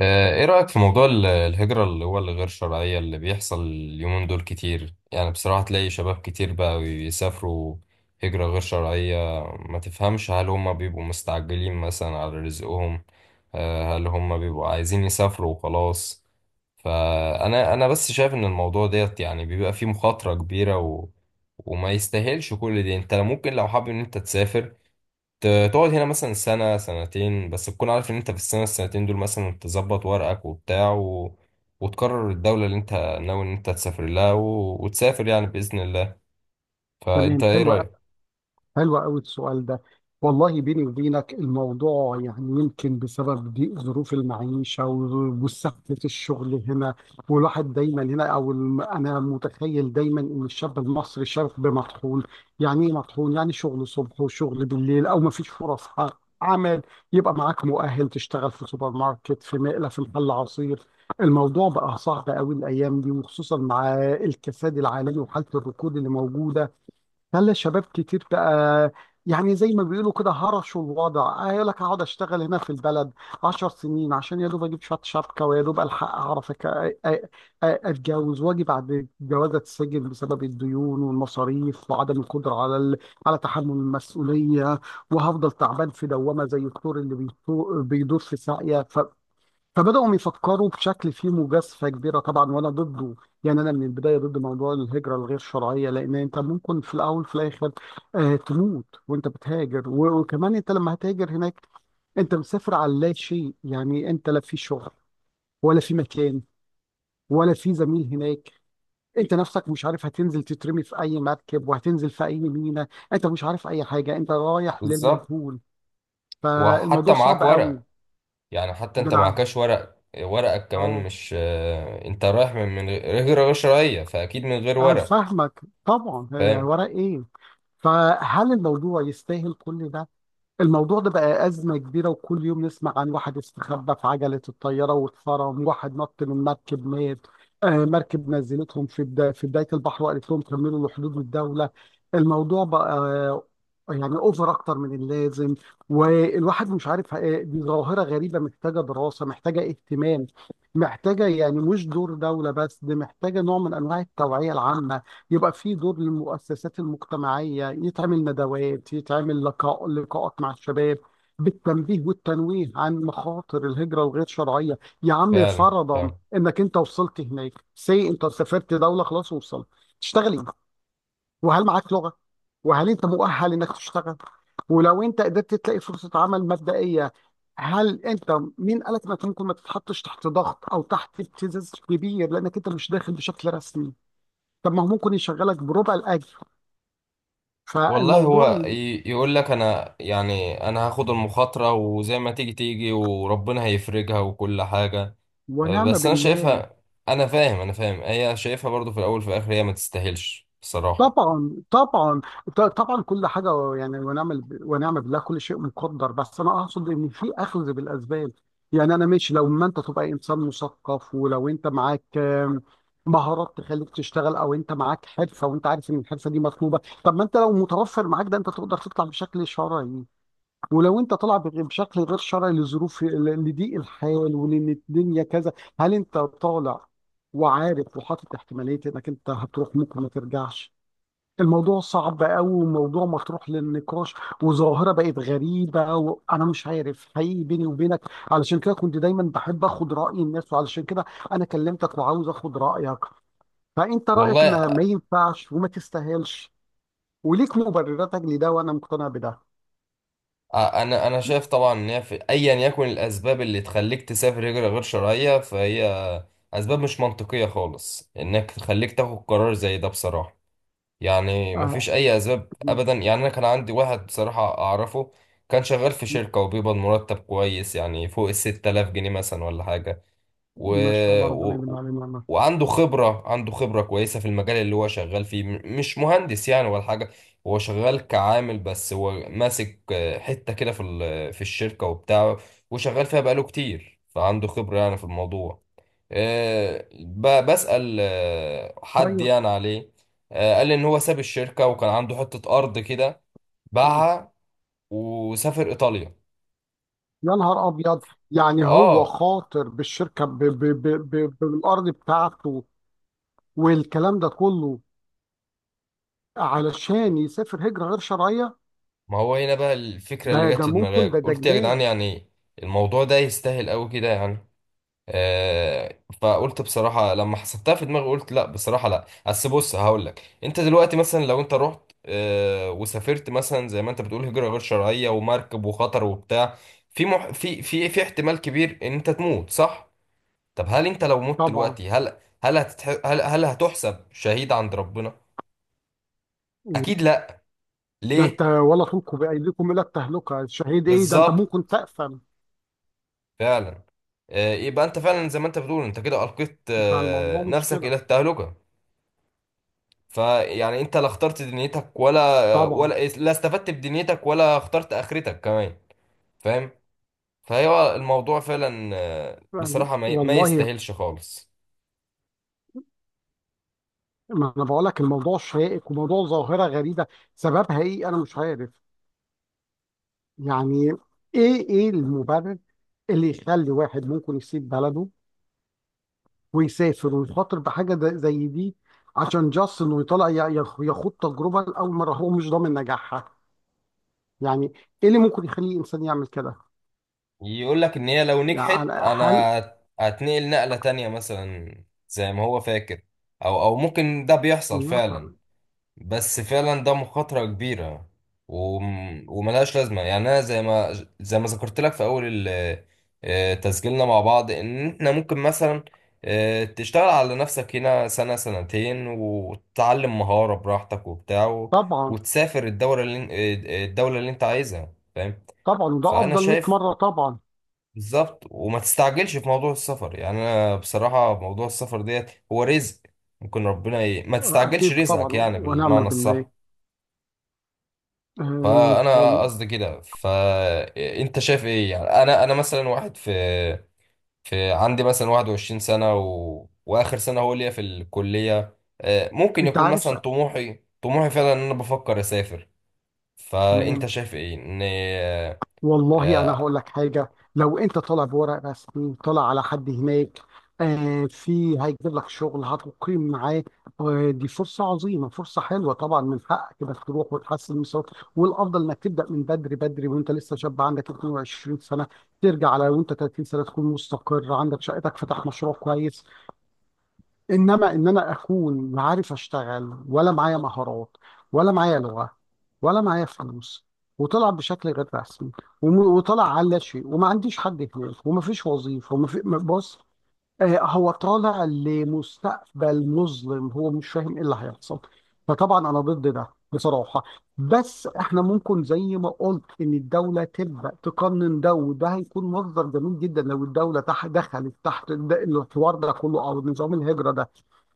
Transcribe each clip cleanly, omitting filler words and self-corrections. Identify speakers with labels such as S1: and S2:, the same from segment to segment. S1: ايه رأيك في موضوع الهجرة اللي هو الغير شرعية اللي بيحصل اليومين دول كتير؟ يعني بصراحة تلاقي شباب كتير بقى يسافروا هجرة غير شرعية. ما تفهمش، هل هم بيبقوا مستعجلين مثلا على رزقهم؟ هل هم بيبقوا عايزين يسافروا وخلاص؟ فأنا بس شايف إن الموضوع ديت يعني بيبقى فيه مخاطرة كبيرة وما يستاهلش كل دي. انت ممكن لو حابب ان انت تسافر، ت- تقعد هنا مثلا سنة سنتين، بس تكون عارف ان انت في السنة السنتين دول مثلا تظبط ورقك وبتاع وتقرر الدولة اللي انت ناوي ان انت تسافر لها وتسافر يعني بإذن الله.
S2: تمام،
S1: فانت ايه رأيك؟
S2: حلوة قوي السؤال ده. والله بيني وبينك الموضوع يمكن بسبب ضيق ظروف المعيشة وسهلة الشغل هنا، والواحد دايما هنا أنا متخيل دايما إن الشاب المصري شاب مطحون. يعني إيه مطحون؟ يعني شغل صبح وشغل بالليل، أو مفيش فرص عمل. يبقى معاك مؤهل تشتغل في سوبر ماركت، في مقلة، في محل عصير. الموضوع بقى صعب قوي الأيام دي، وخصوصا مع الكساد العالمي وحالة الركود اللي موجودة. خلى الشباب كتير بقى، يعني زي ما بيقولوا كده هرشوا الوضع، قال لك هقعد اشتغل هنا في البلد عشر سنين عشان يا دوب اجيب شويه شبكه، ويا دوب الحق اعرف اتجوز، واجي بعد الجواز اتسجن بسبب الديون والمصاريف وعدم القدره على تحمل المسؤوليه. وهفضل تعبان في دوامه زي الثور اللي بيدور في ساقيه. فبدأوا يفكروا بشكل فيه مجازفة كبيرة طبعا، وأنا ضده. يعني أنا من البداية ضد موضوع الهجرة الغير شرعية، لأن أنت ممكن في الأول في الآخر آه تموت وأنت بتهاجر. وكمان أنت لما هتهاجر هناك، أنت مسافر على لا شيء. يعني أنت لا في شغل، ولا في مكان، ولا في زميل هناك. أنت نفسك مش عارف هتنزل تترمي في أي مركب، وهتنزل في أي ميناء. أنت مش عارف أي حاجة، أنت رايح
S1: بالظبط،
S2: للمجهول.
S1: وحتى
S2: فالموضوع
S1: معاك
S2: صعب قوي.
S1: ورق. يعني حتى انت
S2: بنعم.
S1: معكش ورق، ورقك كمان
S2: أه،
S1: مش انت رايح من غير شرعية، فأكيد من غير
S2: أنا
S1: ورق.
S2: فاهمك طبعا. آه،
S1: فاهم؟
S2: ورق إيه؟ فهل الموضوع يستاهل كل ده؟ الموضوع ده بقى أزمة كبيرة، وكل يوم نسمع عن واحد استخبى في عجلة الطيارة واتفرم، واحد نط من مركب مات، آه مركب نزلتهم في بداية البحر، وقالت لهم كملوا لحدود الدولة. الموضوع بقى آه، يعني اوفر اكتر من اللازم. والواحد مش عارف، آه، دي ظاهرة غريبة محتاجة دراسة، محتاجة اهتمام، محتاجة يعني مش دور دولة بس، دي محتاجة نوع من انواع التوعية العامة. يبقى في دور للمؤسسات المجتمعية، يتعمل ندوات، يتعمل لقاءات مع الشباب بالتنبيه والتنويه عن مخاطر الهجرة الغير شرعية. يا عم
S1: فعلا.
S2: فرضا انك انت وصلت هناك، سي انت سافرت دولة، خلاص وصلت، تشتغل ايه؟ وهل معاك لغة؟ وهل انت مؤهل انك تشتغل؟ ولو انت قدرت تلاقي فرصة عمل مبدئية، هل انت مين قالك انك ممكن ما تتحطش تحت ضغط او تحت ابتزاز كبير لانك انت مش داخل بشكل رسمي؟ طب ما هو ممكن يشغلك بربع الاجر.
S1: والله
S2: فالموضوع
S1: هو
S2: ل-
S1: يقول لك انا، يعني انا هاخد المخاطرة وزي ما تيجي تيجي وربنا هيفرجها وكل حاجة. أه،
S2: ونعم
S1: بس انا
S2: بالله.
S1: شايفها. انا فاهم هي شايفها برضو، في الاول في الاخر هي ما تستاهلش بصراحة.
S2: طبعا طبعا، طبعا كل حاجه يعني، ونعم بالله، كل شيء مقدر، بس انا اقصد ان في اخذ بالاسباب. يعني انا ماشي لو ما انت تبقى انسان مثقف، ولو انت معاك مهارات تخليك تشتغل، او انت معاك حرفه وانت عارف ان الحرفه دي مطلوبه. طب ما انت لو متوفر معاك ده انت تقدر تطلع بشكل شرعي. ولو انت طالع بشكل غير شرعي لظروف لضيق الحال ولان الدنيا كذا، هل انت طالع وعارف وحاطط احتماليه انك انت هتروح ممكن ما ترجعش؟ الموضوع صعب قوي، وموضوع مطروح للنقاش، وظاهره بقت غريبه، وانا مش عارف حقيقي بيني وبينك. علشان كده كنت دايما بحب اخد راي الناس، وعلشان كده انا كلمتك وعاوز اخد رايك. فانت رايك
S1: والله
S2: ان ما ينفعش وما تستاهلش، وليك مبرراتك لده وانا مقتنع بده.
S1: انا شايف طبعا ان هي في ايا يكن الاسباب اللي تخليك تسافر هجرة غير شرعية، فهي اسباب مش منطقية خالص انك تخليك تاخد قرار زي ده بصراحة. يعني مفيش اي اسباب ابدا. يعني انا كان عندي واحد بصراحة اعرفه، كان شغال في
S2: آه.
S1: شركة وبيقبض مرتب كويس يعني فوق 6000 جنيه مثلا ولا حاجة و...
S2: ما شاء الله، ربنا يديم
S1: و...
S2: عليه نعمه.
S1: وعنده خبرة كويسة في المجال اللي هو شغال فيه، مش مهندس يعني ولا حاجة. هو شغال كعامل، بس هو ماسك حتة كده في الشركة وبتاعه، وشغال فيها بقاله كتير، فعنده خبرة يعني في الموضوع. بسأل حد
S2: طيب.
S1: يعني عليه، قال لي ان هو ساب الشركة وكان عنده حتة ارض كده، باعها وسافر ايطاليا.
S2: يا نهار ابيض! يعني هو
S1: اه،
S2: خاطر بالشركه، ب ب ب ب بالارض بتاعته والكلام ده كله علشان يسافر هجره غير شرعيه؟
S1: ما هو هنا بقى الفكرة اللي
S2: ده
S1: جت
S2: ده
S1: في دماغي،
S2: ممكن، ده
S1: قلت يا جدعان
S2: جنان.
S1: يعني الموضوع ده يستاهل قوي كده يعني؟ فقلت بصراحة لما حسبتها في دماغي قلت لا، بصراحة لا. اصل بص هقول لك، انت دلوقتي مثلا لو انت رحت وسافرت مثلا زي ما انت بتقول هجرة غير شرعية ومركب وخطر وبتاع، في احتمال كبير ان انت تموت، صح؟ طب هل انت لو مت
S2: طبعا،
S1: دلوقتي، هل هل هتتح... هل هل هتحسب شهيد عند ربنا؟ اكيد لا.
S2: ده انت
S1: ليه؟
S2: ولا تلقوا بايديكم الى التهلكه، شهيد ايه، ده انت
S1: بالظبط.
S2: ممكن تقفل.
S1: فعلا. يبقى انت فعلا زي ما انت بتقول، انت كده القيت
S2: فالموضوع مش
S1: نفسك
S2: كده.
S1: الى التهلكة. فيعني انت لا اخترت دنيتك ولا
S2: طبعا.
S1: ولا لا استفدت بدنيتك، ولا اخترت اخرتك كمان. فاهم؟ فهو الموضوع فعلا
S2: يعني
S1: بصراحة ما
S2: والله
S1: يستاهلش خالص.
S2: ما انا بقول لك الموضوع شائك، وموضوع ظاهره غريبه، سببها ايه انا مش عارف. يعني ايه المبرر اللي يخلي واحد ممكن يسيب بلده ويسافر ويخاطر بحاجه زي دي؟ عشان جاست انه يطلع يخوض تجربه لاول مره هو مش ضامن نجاحها؟ يعني ايه اللي ممكن يخلي انسان يعمل كده؟
S1: يقول لك ان هي لو
S2: يعني
S1: نجحت، انا
S2: هل
S1: هتنقل نقلة تانية مثلا، زي ما هو فاكر، او ممكن ده بيحصل
S2: لا ط-
S1: فعلا، بس فعلا ده مخاطرة كبيرة و... وملهاش لازمة. يعني أنا زي ما ذكرت لك في أول تسجيلنا مع بعض إن إحنا ممكن مثلا تشتغل على نفسك هنا سنة سنتين وتتعلم مهارة براحتك وبتاع
S2: طبعا
S1: وتسافر الدورة اللي... آه، آه، الدولة اللي أنت عايزها. فاهم؟
S2: طبعا ده
S1: فأنا
S2: افضل 100
S1: شايف.
S2: مره طبعا.
S1: بالظبط، وما تستعجلش في موضوع السفر. يعني أنا بصراحة موضوع السفر ديت هو رزق، ممكن ربنا ما تستعجلش
S2: اكيد طبعا،
S1: رزقك يعني
S2: ونعم
S1: بالمعنى
S2: بالله.
S1: الصح.
S2: أم،
S1: فانا
S2: وال-
S1: قصدي كده، فانت شايف ايه؟ يعني انا مثلا واحد في عندي مثلا 21 سنه واخر سنه هو ليا في الكليه، ممكن
S2: انت
S1: يكون
S2: عارف،
S1: مثلا طموحي فعلا ان انا بفكر اسافر. فانت
S2: تمام.
S1: شايف ايه ان
S2: والله انا
S1: آه،
S2: هقول لك حاجه، لو انت طالع بورق رسمي، طالع على حد هناك آه في هيجيب لك شغل، هتقيم معاه، آه دي فرصه عظيمه، فرصه حلوه، طبعا من حقك انك تروح وتحسن من صوتك، والافضل انك تبدا من بدري بدري وانت لسه شاب عندك 22 سنه، ترجع على وانت 30 سنه تكون مستقر، عندك شقتك، فتح مشروع كويس. انما ان انا اكون لا عارف اشتغل، ولا معايا مهارات، ولا معايا لغه، ولا معايا فلوس، وطلع بشكل غير رسمي، وطلع على لا شيء، وما عنديش حد هناك، وما فيش وظيفه، وما في بص، آه، هو طالع لمستقبل مظلم، هو مش فاهم ايه اللي هيحصل. فطبعا انا ضد ده بصراحه. بس احنا ممكن زي ما قلت ان الدوله تبدا تقنن ده، وده هيكون مصدر جميل جدا لو الدوله دخلت تحت الحوار ده كله، او نظام الهجره ده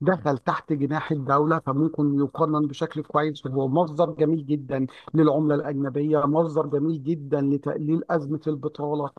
S2: دخل تحت جناح الدولة، فممكن يقنن بشكل كويس، وهو مصدر جميل جدا للعملة الأجنبية، مصدر جميل جدا لتقليل أزمة البطالة،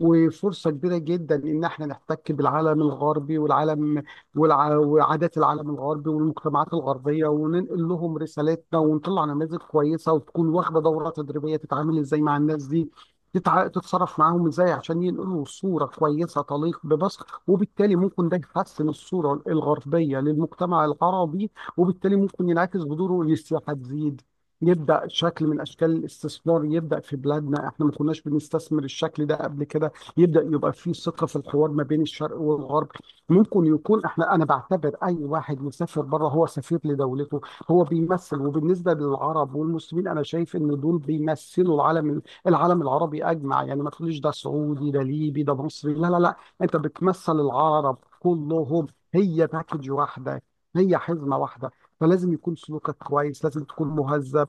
S2: وفرصة كبيرة جدا إن إحنا نحتك بالعالم الغربي وعادات العالم الغربي والمجتمعات الغربية، وننقل لهم رسالتنا، ونطلع نماذج كويسة، وتكون واخدة دورة تدريبية تتعامل إزاي مع الناس دي، تتصرف معاهم إزاي، عشان ينقلوا صورة كويسة تليق بمصر. وبالتالي ممكن ده يحسن الصورة الغربية للمجتمع العربي، وبالتالي ممكن ينعكس بدوره إن السياحة تزيد، يبدأ شكل من أشكال الاستثمار يبدأ في بلادنا، إحنا ما كناش بنستثمر الشكل ده قبل كده، يبدأ يبقى في ثقة في الحوار ما بين الشرق والغرب. ممكن يكون احنا، انا بعتبر اي واحد مسافر بره هو سفير لدولته، هو بيمثل، وبالنسبة للعرب والمسلمين انا شايف ان دول بيمثلوا العالم العربي اجمع. يعني ما تقوليش ده سعودي، ده ليبي، ده مصري، لا لا لا، انت بتمثل العرب كلهم، هي باكج واحدة، هي حزمة واحدة، فلازم يكون سلوكك كويس، لازم تكون مهذب.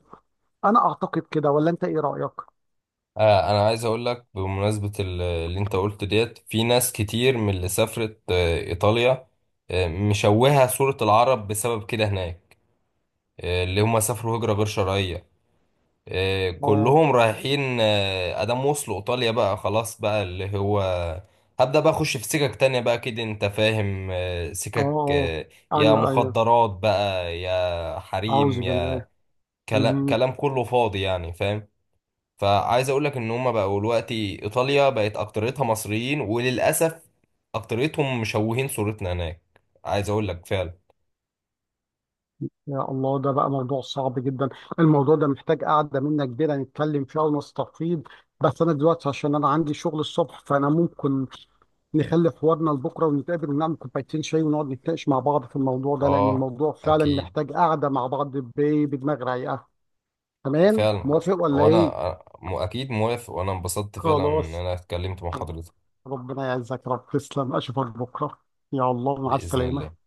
S2: انا اعتقد كده، ولا انت ايه رأيك؟
S1: انا عايز اقول لك بمناسبه اللي انت قلت ديت، في ناس كتير من اللي سافرت ايطاليا مشوهه صوره العرب بسبب كده هناك، اللي هم سافروا هجره غير شرعيه.
S2: اه،
S1: كلهم رايحين ادام وصلوا ايطاليا بقى خلاص بقى اللي هو هبدأ بقى اخش في سكك تانية بقى كده، انت فاهم؟
S2: اه،
S1: سكك
S2: اه،
S1: يا
S2: ايوه ايوه.
S1: مخدرات بقى، يا حريم،
S2: أعوذ
S1: يا
S2: بالله.
S1: كلام
S2: مهم.
S1: كلام كله فاضي يعني. فاهم؟ فعايز اقول لك ان هما بقوا دلوقتي، ايطاليا بقت اكتريتها مصريين وللاسف اكتريتهم مشوهين صورتنا هناك. عايز اقول لك فعلا.
S2: يا الله، ده بقى موضوع صعب جدا. الموضوع ده محتاج قعدة منا كبيرة نتكلم فيها ونستفيض، بس أنا دلوقتي عشان أنا عندي شغل الصبح، فأنا ممكن نخلي حوارنا لبكرة، ونتقابل ونعمل كوبايتين شاي ونقعد نتناقش مع بعض في الموضوع ده، لأن
S1: اه.
S2: الموضوع فعلا
S1: اكيد.
S2: محتاج قعدة مع بعض بدماغ رايقة. تمام،
S1: فعلا،
S2: موافق ولا
S1: وانا
S2: إيه؟
S1: اكيد موافق، وانا انبسطت فعلا ان
S2: خلاص،
S1: انا اتكلمت مع حضرتك.
S2: ربنا يعزك يا رب، تسلم، أشوفك بكرة، يا الله، مع
S1: باذن
S2: السلامة.
S1: الله.